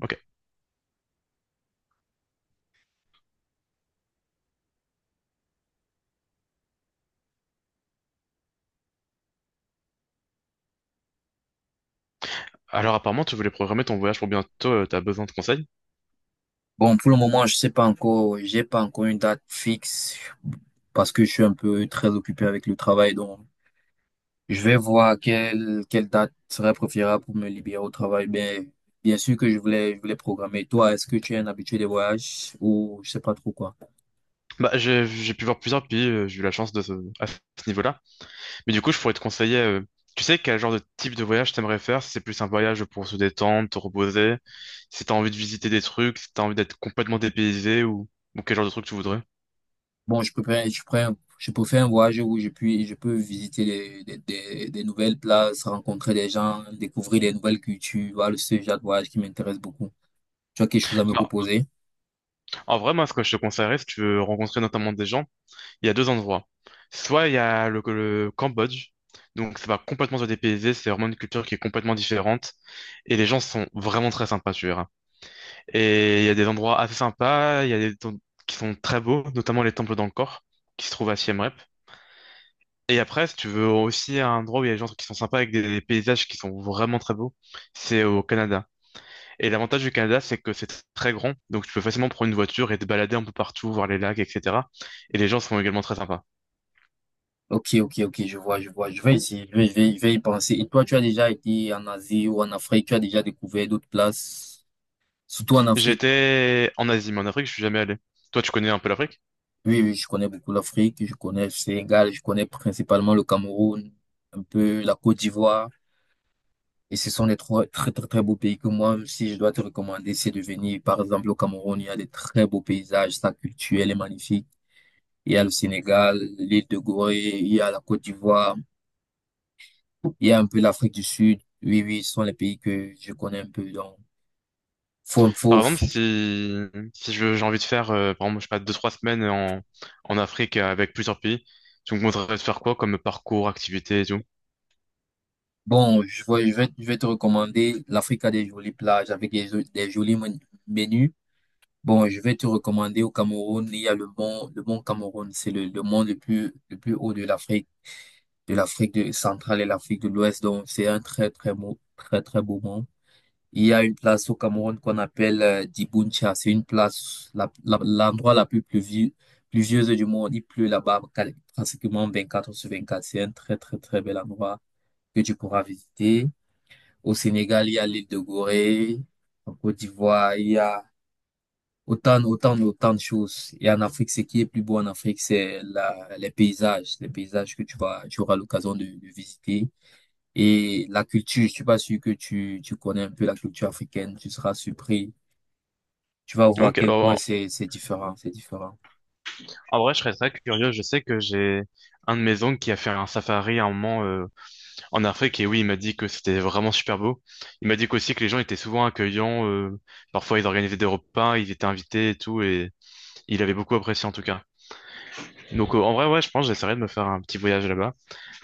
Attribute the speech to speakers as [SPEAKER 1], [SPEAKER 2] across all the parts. [SPEAKER 1] Ok. Alors apparemment, tu voulais programmer ton voyage pour bientôt, t'as besoin de conseils?
[SPEAKER 2] Bon, pour le moment, je sais pas encore, j'ai pas encore une date fixe parce que je suis un peu très occupé avec le travail. Donc, je vais voir quelle date serait préférable pour me libérer au travail. Mais bien sûr que je voulais programmer. Toi, est-ce que tu es un habitué des voyages ou je sais pas trop quoi?
[SPEAKER 1] Bah, j'ai pu voir plusieurs pays, j'ai eu la chance à ce niveau-là. Mais du coup, je pourrais te conseiller, tu sais quel genre de type de voyage t'aimerais faire? Si c'est plus un voyage pour se détendre, te reposer, si t'as envie de visiter des trucs, si t'as envie d'être complètement dépaysé ou quel genre de truc tu voudrais?
[SPEAKER 2] Bon, je prends, je peux faire un voyage où je peux visiter des nouvelles places, rencontrer des gens, découvrir des nouvelles cultures. Voilà, ce genre de voyage qui m'intéresse beaucoup. Tu as quelque chose à me
[SPEAKER 1] Bah,
[SPEAKER 2] proposer?
[SPEAKER 1] en vrai, moi, ce que je te conseillerais, si tu veux rencontrer notamment des gens, il y a deux endroits. Soit il y a le Cambodge, donc ça va complètement se dépayser, c'est vraiment une culture qui est complètement différente. Et les gens sont vraiment très sympas, tu verras. Et il y a des endroits assez sympas, il y a des temples qui sont très beaux, notamment les temples d'Angkor, qui se trouvent à Siem Reap. Et après, si tu veux aussi un endroit où il y a des gens qui sont sympas avec des paysages qui sont vraiment très beaux, c'est au Canada. Et l'avantage du Canada, c'est que c'est très grand, donc tu peux facilement prendre une voiture et te balader un peu partout, voir les lacs, etc. Et les gens sont également très sympas.
[SPEAKER 2] Ok, ok, ok, je vois, je vois. Je vais essayer, je vais y penser. Et toi, tu as déjà été en Asie ou en Afrique, tu as déjà découvert d'autres places, surtout en Afrique.
[SPEAKER 1] J'étais en Asie, mais en Afrique, je suis jamais allé. Toi, tu connais un peu l'Afrique?
[SPEAKER 2] Oui, oui, je connais beaucoup l'Afrique, je connais le Sénégal, je connais principalement le Cameroun, un peu la Côte d'Ivoire. Et ce sont les trois très, très, très beaux pays que moi, si je dois te recommander, c'est de venir. Par exemple, au Cameroun, il y a des très beaux paysages, sa culture, elle est magnifique. Il y a le Sénégal, l'île de Gorée, il y a la Côte d'Ivoire. Il y a un peu l'Afrique du Sud. Oui, oui, ce sont les pays que je connais un peu. Donc, faut,
[SPEAKER 1] Par
[SPEAKER 2] faut,
[SPEAKER 1] exemple,
[SPEAKER 2] faut-
[SPEAKER 1] si je- j'ai envie de faire, par exemple, je sais pas, deux, trois semaines en Afrique avec plusieurs pays, tu me conseillerais de faire quoi comme parcours, activité et tout?
[SPEAKER 2] Bon, je vais te recommander. L'Afrique a des jolies plages avec des jolis menus. Bon, je vais te recommander au Cameroun. Il y a le mont Cameroun. C'est le mont le plus haut de l'Afrique, de centrale et l'Afrique de l'Ouest. Donc, c'est un très, très beau mont. Il y a une place au Cameroun qu'on appelle Dibountcha. C'est une place, l'endroit plus pluvieuse du monde. Il pleut là-bas pratiquement 4 sur 24. C'est un très, très, très bel endroit que tu pourras visiter. Au Sénégal, il y a l'île de Gorée. En Côte d'Ivoire, il y a autant de choses. Et en Afrique, ce qui est plus beau en Afrique, c'est les paysages que tu auras l'occasion de visiter. Et la culture, je suis pas sûr que tu connais un peu la culture africaine. Tu seras surpris, tu vas voir à
[SPEAKER 1] Ok,
[SPEAKER 2] quel point
[SPEAKER 1] bah,
[SPEAKER 2] c'est différent, c'est différent.
[SPEAKER 1] en vrai, je serais très curieux. Je sais que j'ai un de mes oncles qui a fait un safari à un moment en Afrique et oui, il m'a dit que c'était vraiment super beau. Il m'a dit qu'aussi que les gens étaient souvent accueillants, parfois ils organisaient des repas, ils étaient invités et tout et il avait beaucoup apprécié en tout cas. Donc en vrai, ouais, je pense que j'essaierai de me faire un petit voyage là-bas.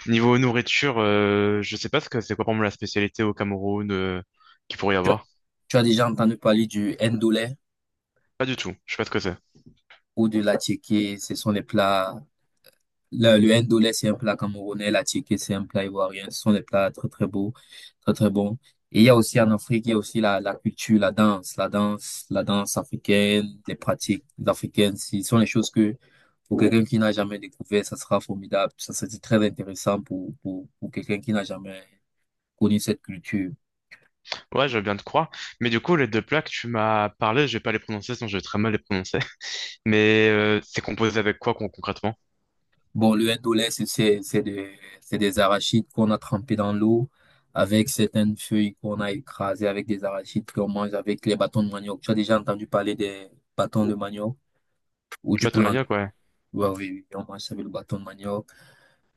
[SPEAKER 1] Niveau nourriture, je sais pas ce que c'est quoi pour moi la spécialité au Cameroun qu'il pourrait y
[SPEAKER 2] Tu, as
[SPEAKER 1] avoir.
[SPEAKER 2] Tu as déjà entendu parler du ndolé
[SPEAKER 1] Pas du tout, je sais pas ce que c'est.
[SPEAKER 2] ou de la, ce sont les plats. Le ndolé, c'est un plat camerounais, la, c'est un plat ivoirien. Ce sont des plats très très beaux, très très bons. Et il y a aussi en Afrique, il y a aussi la culture, la danse africaine, les pratiques africaines. Ce sont les choses que, pour quelqu'un qui n'a jamais découvert, ça sera formidable. Ça sera très intéressant pour quelqu'un qui n'a jamais connu cette culture.
[SPEAKER 1] Ouais, je veux bien te croire. Mais du coup, les deux plats que tu m'as parlé, je vais pas les prononcer, sinon je vais très mal les prononcer. Mais c'est composé avec quoi concrètement?
[SPEAKER 2] Bon, le indolé, c'est c'est des arachides qu'on a trempés dans l'eau avec certaines feuilles qu'on a écrasées avec des arachides qu'on mange avec les bâtons de manioc. Tu as déjà entendu parler des bâtons de manioc ou du
[SPEAKER 1] Bah, ton
[SPEAKER 2] plant?
[SPEAKER 1] manioc, ouais.
[SPEAKER 2] Ouais, oui, on mange ça avec le bâton de manioc.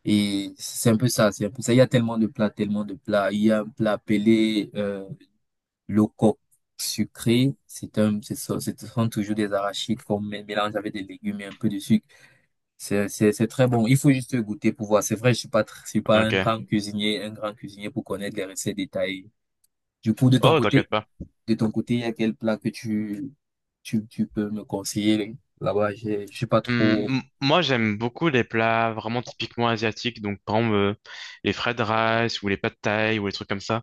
[SPEAKER 2] Et c'est un peu ça, c'est un peu ça. Il y a tellement de plats, tellement de plats. Il y a un plat appelé le coq sucré. C'est un, c'est ça, Ce sont toujours des arachides qu'on mélange avec des légumes et un peu de sucre. C'est très bon. Il faut juste goûter pour voir. C'est vrai, je suis pas un
[SPEAKER 1] Ok.
[SPEAKER 2] grand cuisinier, un grand cuisinier pour connaître les recettes détaillées. Du coup,
[SPEAKER 1] Oh, t'inquiète pas.
[SPEAKER 2] de ton côté, il y a quel plat que tu peux me conseiller là-bas? Je suis pas trop,
[SPEAKER 1] Moi, j'aime beaucoup les plats vraiment typiquement asiatiques, donc par exemple les fried rice ou les pad thaï ou les trucs comme ça.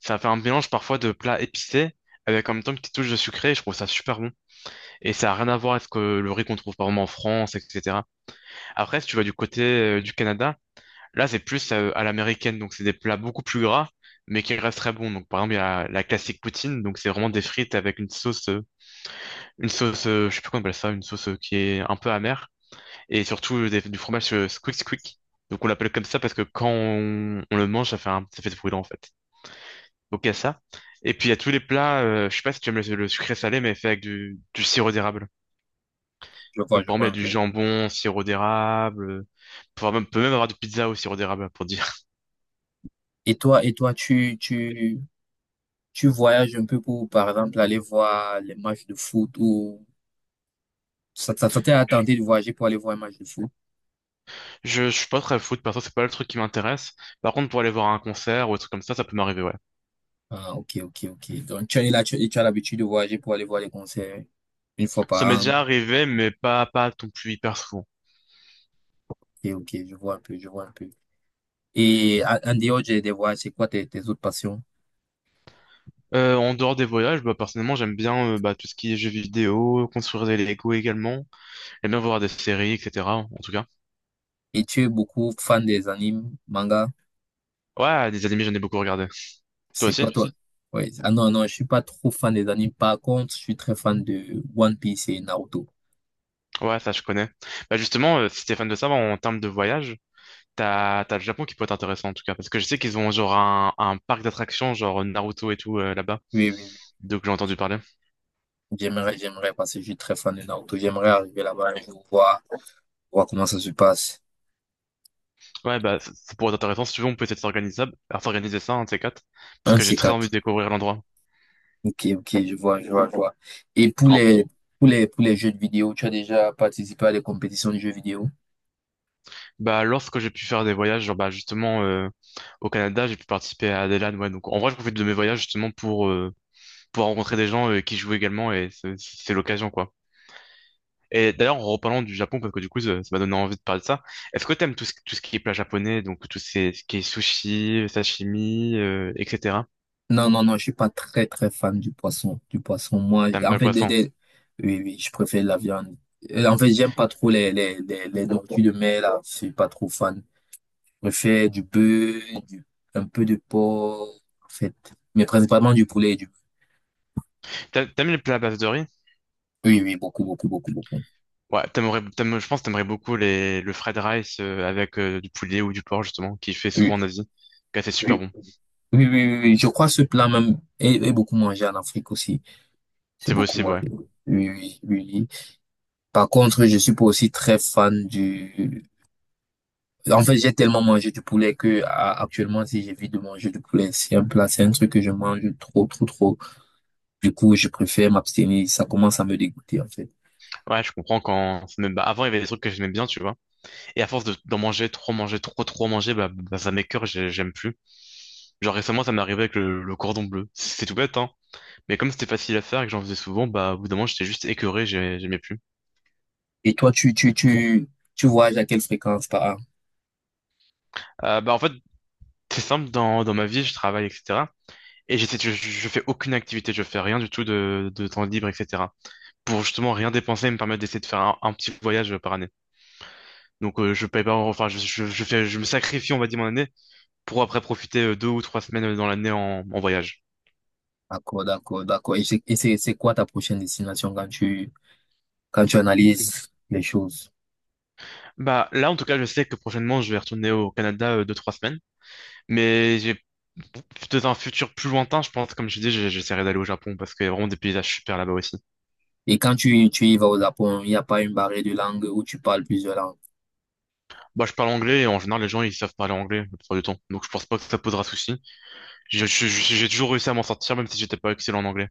[SPEAKER 1] Ça fait un mélange parfois de plats épicés avec en même temps une petite touche de sucré, et je trouve ça super bon. Et ça a rien à voir avec le riz qu'on trouve par exemple en France, etc. Après, si tu vas du côté du Canada, là c'est plus à l'américaine, donc c'est des plats beaucoup plus gras, mais qui restent très bons. Donc par exemple, il y a la classique poutine, donc c'est vraiment des frites avec une sauce, je sais plus comment on appelle ça, une sauce qui est un peu amère et surtout du fromage squick squick. Donc on l'appelle comme ça parce que quand on le mange, ça fait ce bruit-là en fait. Donc il y a ça. Et puis il y a tous les plats, je sais pas si tu aimes le sucré salé, mais fait avec du sirop d'érable. Donc
[SPEAKER 2] je
[SPEAKER 1] par exemple,
[SPEAKER 2] vois un
[SPEAKER 1] il y a du
[SPEAKER 2] peu.
[SPEAKER 1] jambon, sirop d'érable, peut même avoir du pizza au sirop d'érable pour dire.
[SPEAKER 2] Et toi, tu voyages un peu pour, par exemple, aller voir les matchs de foot ou ça t'est attendu de voyager pour aller voir un match de foot?
[SPEAKER 1] Je suis pas très foot, perso, c'est pas le truc qui m'intéresse. Par contre, pour aller voir un concert ou un truc comme ça peut m'arriver, ouais.
[SPEAKER 2] Ah, ok, ok, ok. Donc, tu es là, et tu as l'habitude de voyager pour aller voir les concerts une fois
[SPEAKER 1] Ça m'est
[SPEAKER 2] par an.
[SPEAKER 1] déjà arrivé, mais pas, pas non plus hyper souvent.
[SPEAKER 2] Ok, ok, je vois un peu, je vois un peu. Et en en dehors des voix, c'est quoi tes autres passions?
[SPEAKER 1] En dehors des voyages, bah, personnellement, j'aime bien bah, tout ce qui est jeux vidéo, construire des Lego également. J'aime bien voir des séries, etc. En tout cas.
[SPEAKER 2] Et tu es beaucoup fan des animes, manga?
[SPEAKER 1] Ouais, des animés, j'en ai beaucoup regardé. Toi
[SPEAKER 2] C'est
[SPEAKER 1] aussi?
[SPEAKER 2] quoi toi? Ouais. Ah non, non, je suis pas trop fan des animes. Par contre, je suis très fan de One Piece et Naruto.
[SPEAKER 1] Ouais, ça, je connais. Bah, justement, si t'es fan de ça, bah, en termes de voyage, t'as le Japon qui peut être intéressant, en tout cas. Parce que je sais qu'ils ont genre un parc d'attractions, genre Naruto et tout, là-bas.
[SPEAKER 2] Oui, oui, oui.
[SPEAKER 1] Donc, j'ai entendu parler.
[SPEAKER 2] J'aimerais, j'aimerais, parce que je suis très fan de Naruto. J'aimerais arriver là-bas un jour, voir, voir comment ça se passe.
[SPEAKER 1] Ouais, bah, ça pourrait être intéressant. Si tu veux, on peut essayer de s'organiser, à s'organiser ça, un de ces quatre. Parce
[SPEAKER 2] Un de
[SPEAKER 1] que j'ai
[SPEAKER 2] ces
[SPEAKER 1] très envie de
[SPEAKER 2] quatre.
[SPEAKER 1] découvrir l'endroit.
[SPEAKER 2] Ok, ok, je vois, je vois, je vois. Et pour les, jeux de vidéo, tu as déjà participé à des compétitions de jeux vidéo?
[SPEAKER 1] Bah, lorsque j'ai pu faire des voyages, genre, bah, justement, au Canada, j'ai pu participer à des ouais. Donc, en vrai, je profite de mes voyages, justement, pour rencontrer des gens, qui jouent également, et c'est l'occasion, quoi. Et d'ailleurs, en reparlant du Japon, parce que du coup, ça m'a donné envie de parler de ça. Est-ce que t'aimes tout ce qui est plat japonais, donc tout ce ce qui est sushi, sashimi, etc.
[SPEAKER 2] Non, non, non, je suis pas très, très fan du poisson. Du poisson, moi,
[SPEAKER 1] T'aimes pas
[SPEAKER 2] en
[SPEAKER 1] le
[SPEAKER 2] fait,
[SPEAKER 1] poisson?
[SPEAKER 2] oui, oui, je préfère la viande. En fait, j'aime pas trop les nourritures de mer, là. Je suis pas trop fan. Je préfère du bœuf, du, un peu de porc, en fait. Mais principalement du poulet et du.
[SPEAKER 1] T'a- T'aimes les plats à base de riz?
[SPEAKER 2] Oui, oui, beaucoup, beaucoup, beaucoup, beaucoup.
[SPEAKER 1] Ouais, t'aimes- je pense que t'aimerais beaucoup le fried rice, avec, du poulet ou du porc, justement, qui fait
[SPEAKER 2] Oui,
[SPEAKER 1] souvent en Asie. Ouais, c'est super
[SPEAKER 2] oui,
[SPEAKER 1] bon.
[SPEAKER 2] oui, oui, oui, oui. Je crois que ce plat même est beaucoup mangé en Afrique aussi. C'est
[SPEAKER 1] C'est
[SPEAKER 2] beaucoup
[SPEAKER 1] possible, ouais.
[SPEAKER 2] mangé. Oui, oui, oui. Par contre, je suis pas aussi très fan du. En fait, j'ai tellement mangé du poulet que actuellement, si j'évite de manger du poulet, c'est un plat, c'est un truc que je mange trop, trop, trop. Du coup, je préfère m'abstenir. Ça commence à me dégoûter, en fait.
[SPEAKER 1] Ouais, je comprends quand. Ça me- bah, avant, il y avait des trucs que j'aimais bien, tu vois. Et d'en manger, trop manger, trop manger, bah, ça m'écœure, j'ai- j'aime plus. Genre récemment, ça m'est arrivé avec le cordon bleu. C'est tout bête, hein. Mais comme c'était facile à faire et que j'en faisais souvent, bah, au bout d'un moment, j'étais juste écœuré, j'ai- j'aimais plus.
[SPEAKER 2] Et toi, tu voyages à quelle fréquence par an?
[SPEAKER 1] Bah, en fait, c'est simple, dans ma vie, je travaille, etc. Et j'essaie, je fais aucune activité, je fais rien du tout de temps libre, etc. Pour justement rien dépenser et me permettre d'essayer de faire un petit voyage par année. Donc, je paye pas, enfin, je fais, je me sacrifie, on va dire, mon année pour après profiter deux ou trois semaines dans l'année en voyage.
[SPEAKER 2] D'accord, d'accord, d'accord. Et c'est quoi ta prochaine destination quand quand tu analyses les choses?
[SPEAKER 1] Bah là, en tout cas, je sais que prochainement, je vais retourner au Canada deux, trois semaines, mais j'ai dans un futur plus lointain, je pense, comme je dis, j'ai- j'essaierai d'aller au Japon parce qu'il y a vraiment des paysages super là-bas aussi.
[SPEAKER 2] Et quand tu y vas au Japon, il n'y a pas une barrière de langue où tu parles plusieurs langues.
[SPEAKER 1] Moi, je parle anglais et en général, les gens, ils savent parler anglais la plupart du temps. Donc, je pense pas que ça posera souci. Je- J'ai toujours réussi à m'en sortir, même si j'étais pas excellent en anglais.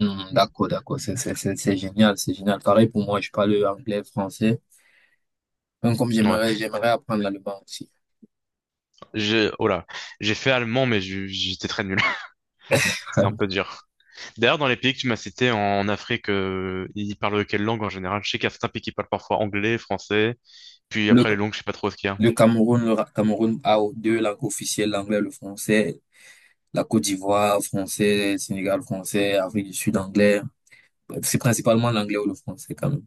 [SPEAKER 2] Hmm, d'accord, d'accord, c'est génial, c'est génial. Pareil pour moi, je parle anglais, français. Donc, comme j'aimerais,
[SPEAKER 1] Ouais.
[SPEAKER 2] j'aimerais apprendre l'allemand aussi.
[SPEAKER 1] J'ai, oh là. J'ai fait allemand, mais je- j'étais très nul. C'était un peu dur. D'ailleurs, dans les pays que tu m'as cités en Afrique, ils parlent quelle langue en général? Je sais qu'il y a certains pays qui parlent parfois anglais, français, puis
[SPEAKER 2] Le,
[SPEAKER 1] après les langues, je sais pas trop ce qu'il y a.
[SPEAKER 2] le Cameroun, Cameroun a 2 langues officielles, l'anglais, le français. La Côte d'Ivoire, français, Sénégal, français, Afrique du Sud, anglais. C'est principalement l'anglais ou le français quand même.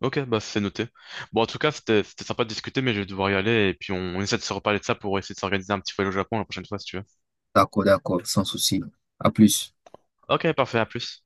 [SPEAKER 1] Ok, bah c'est noté. Bon, en tout cas, c'était sympa de discuter, mais je vais devoir y aller, et puis on essaie de se reparler de ça pour essayer de s'organiser un petit voyage au Japon la prochaine fois, si tu veux.
[SPEAKER 2] D'accord, d'accord, sans souci. À plus.
[SPEAKER 1] Ok, parfait, à plus.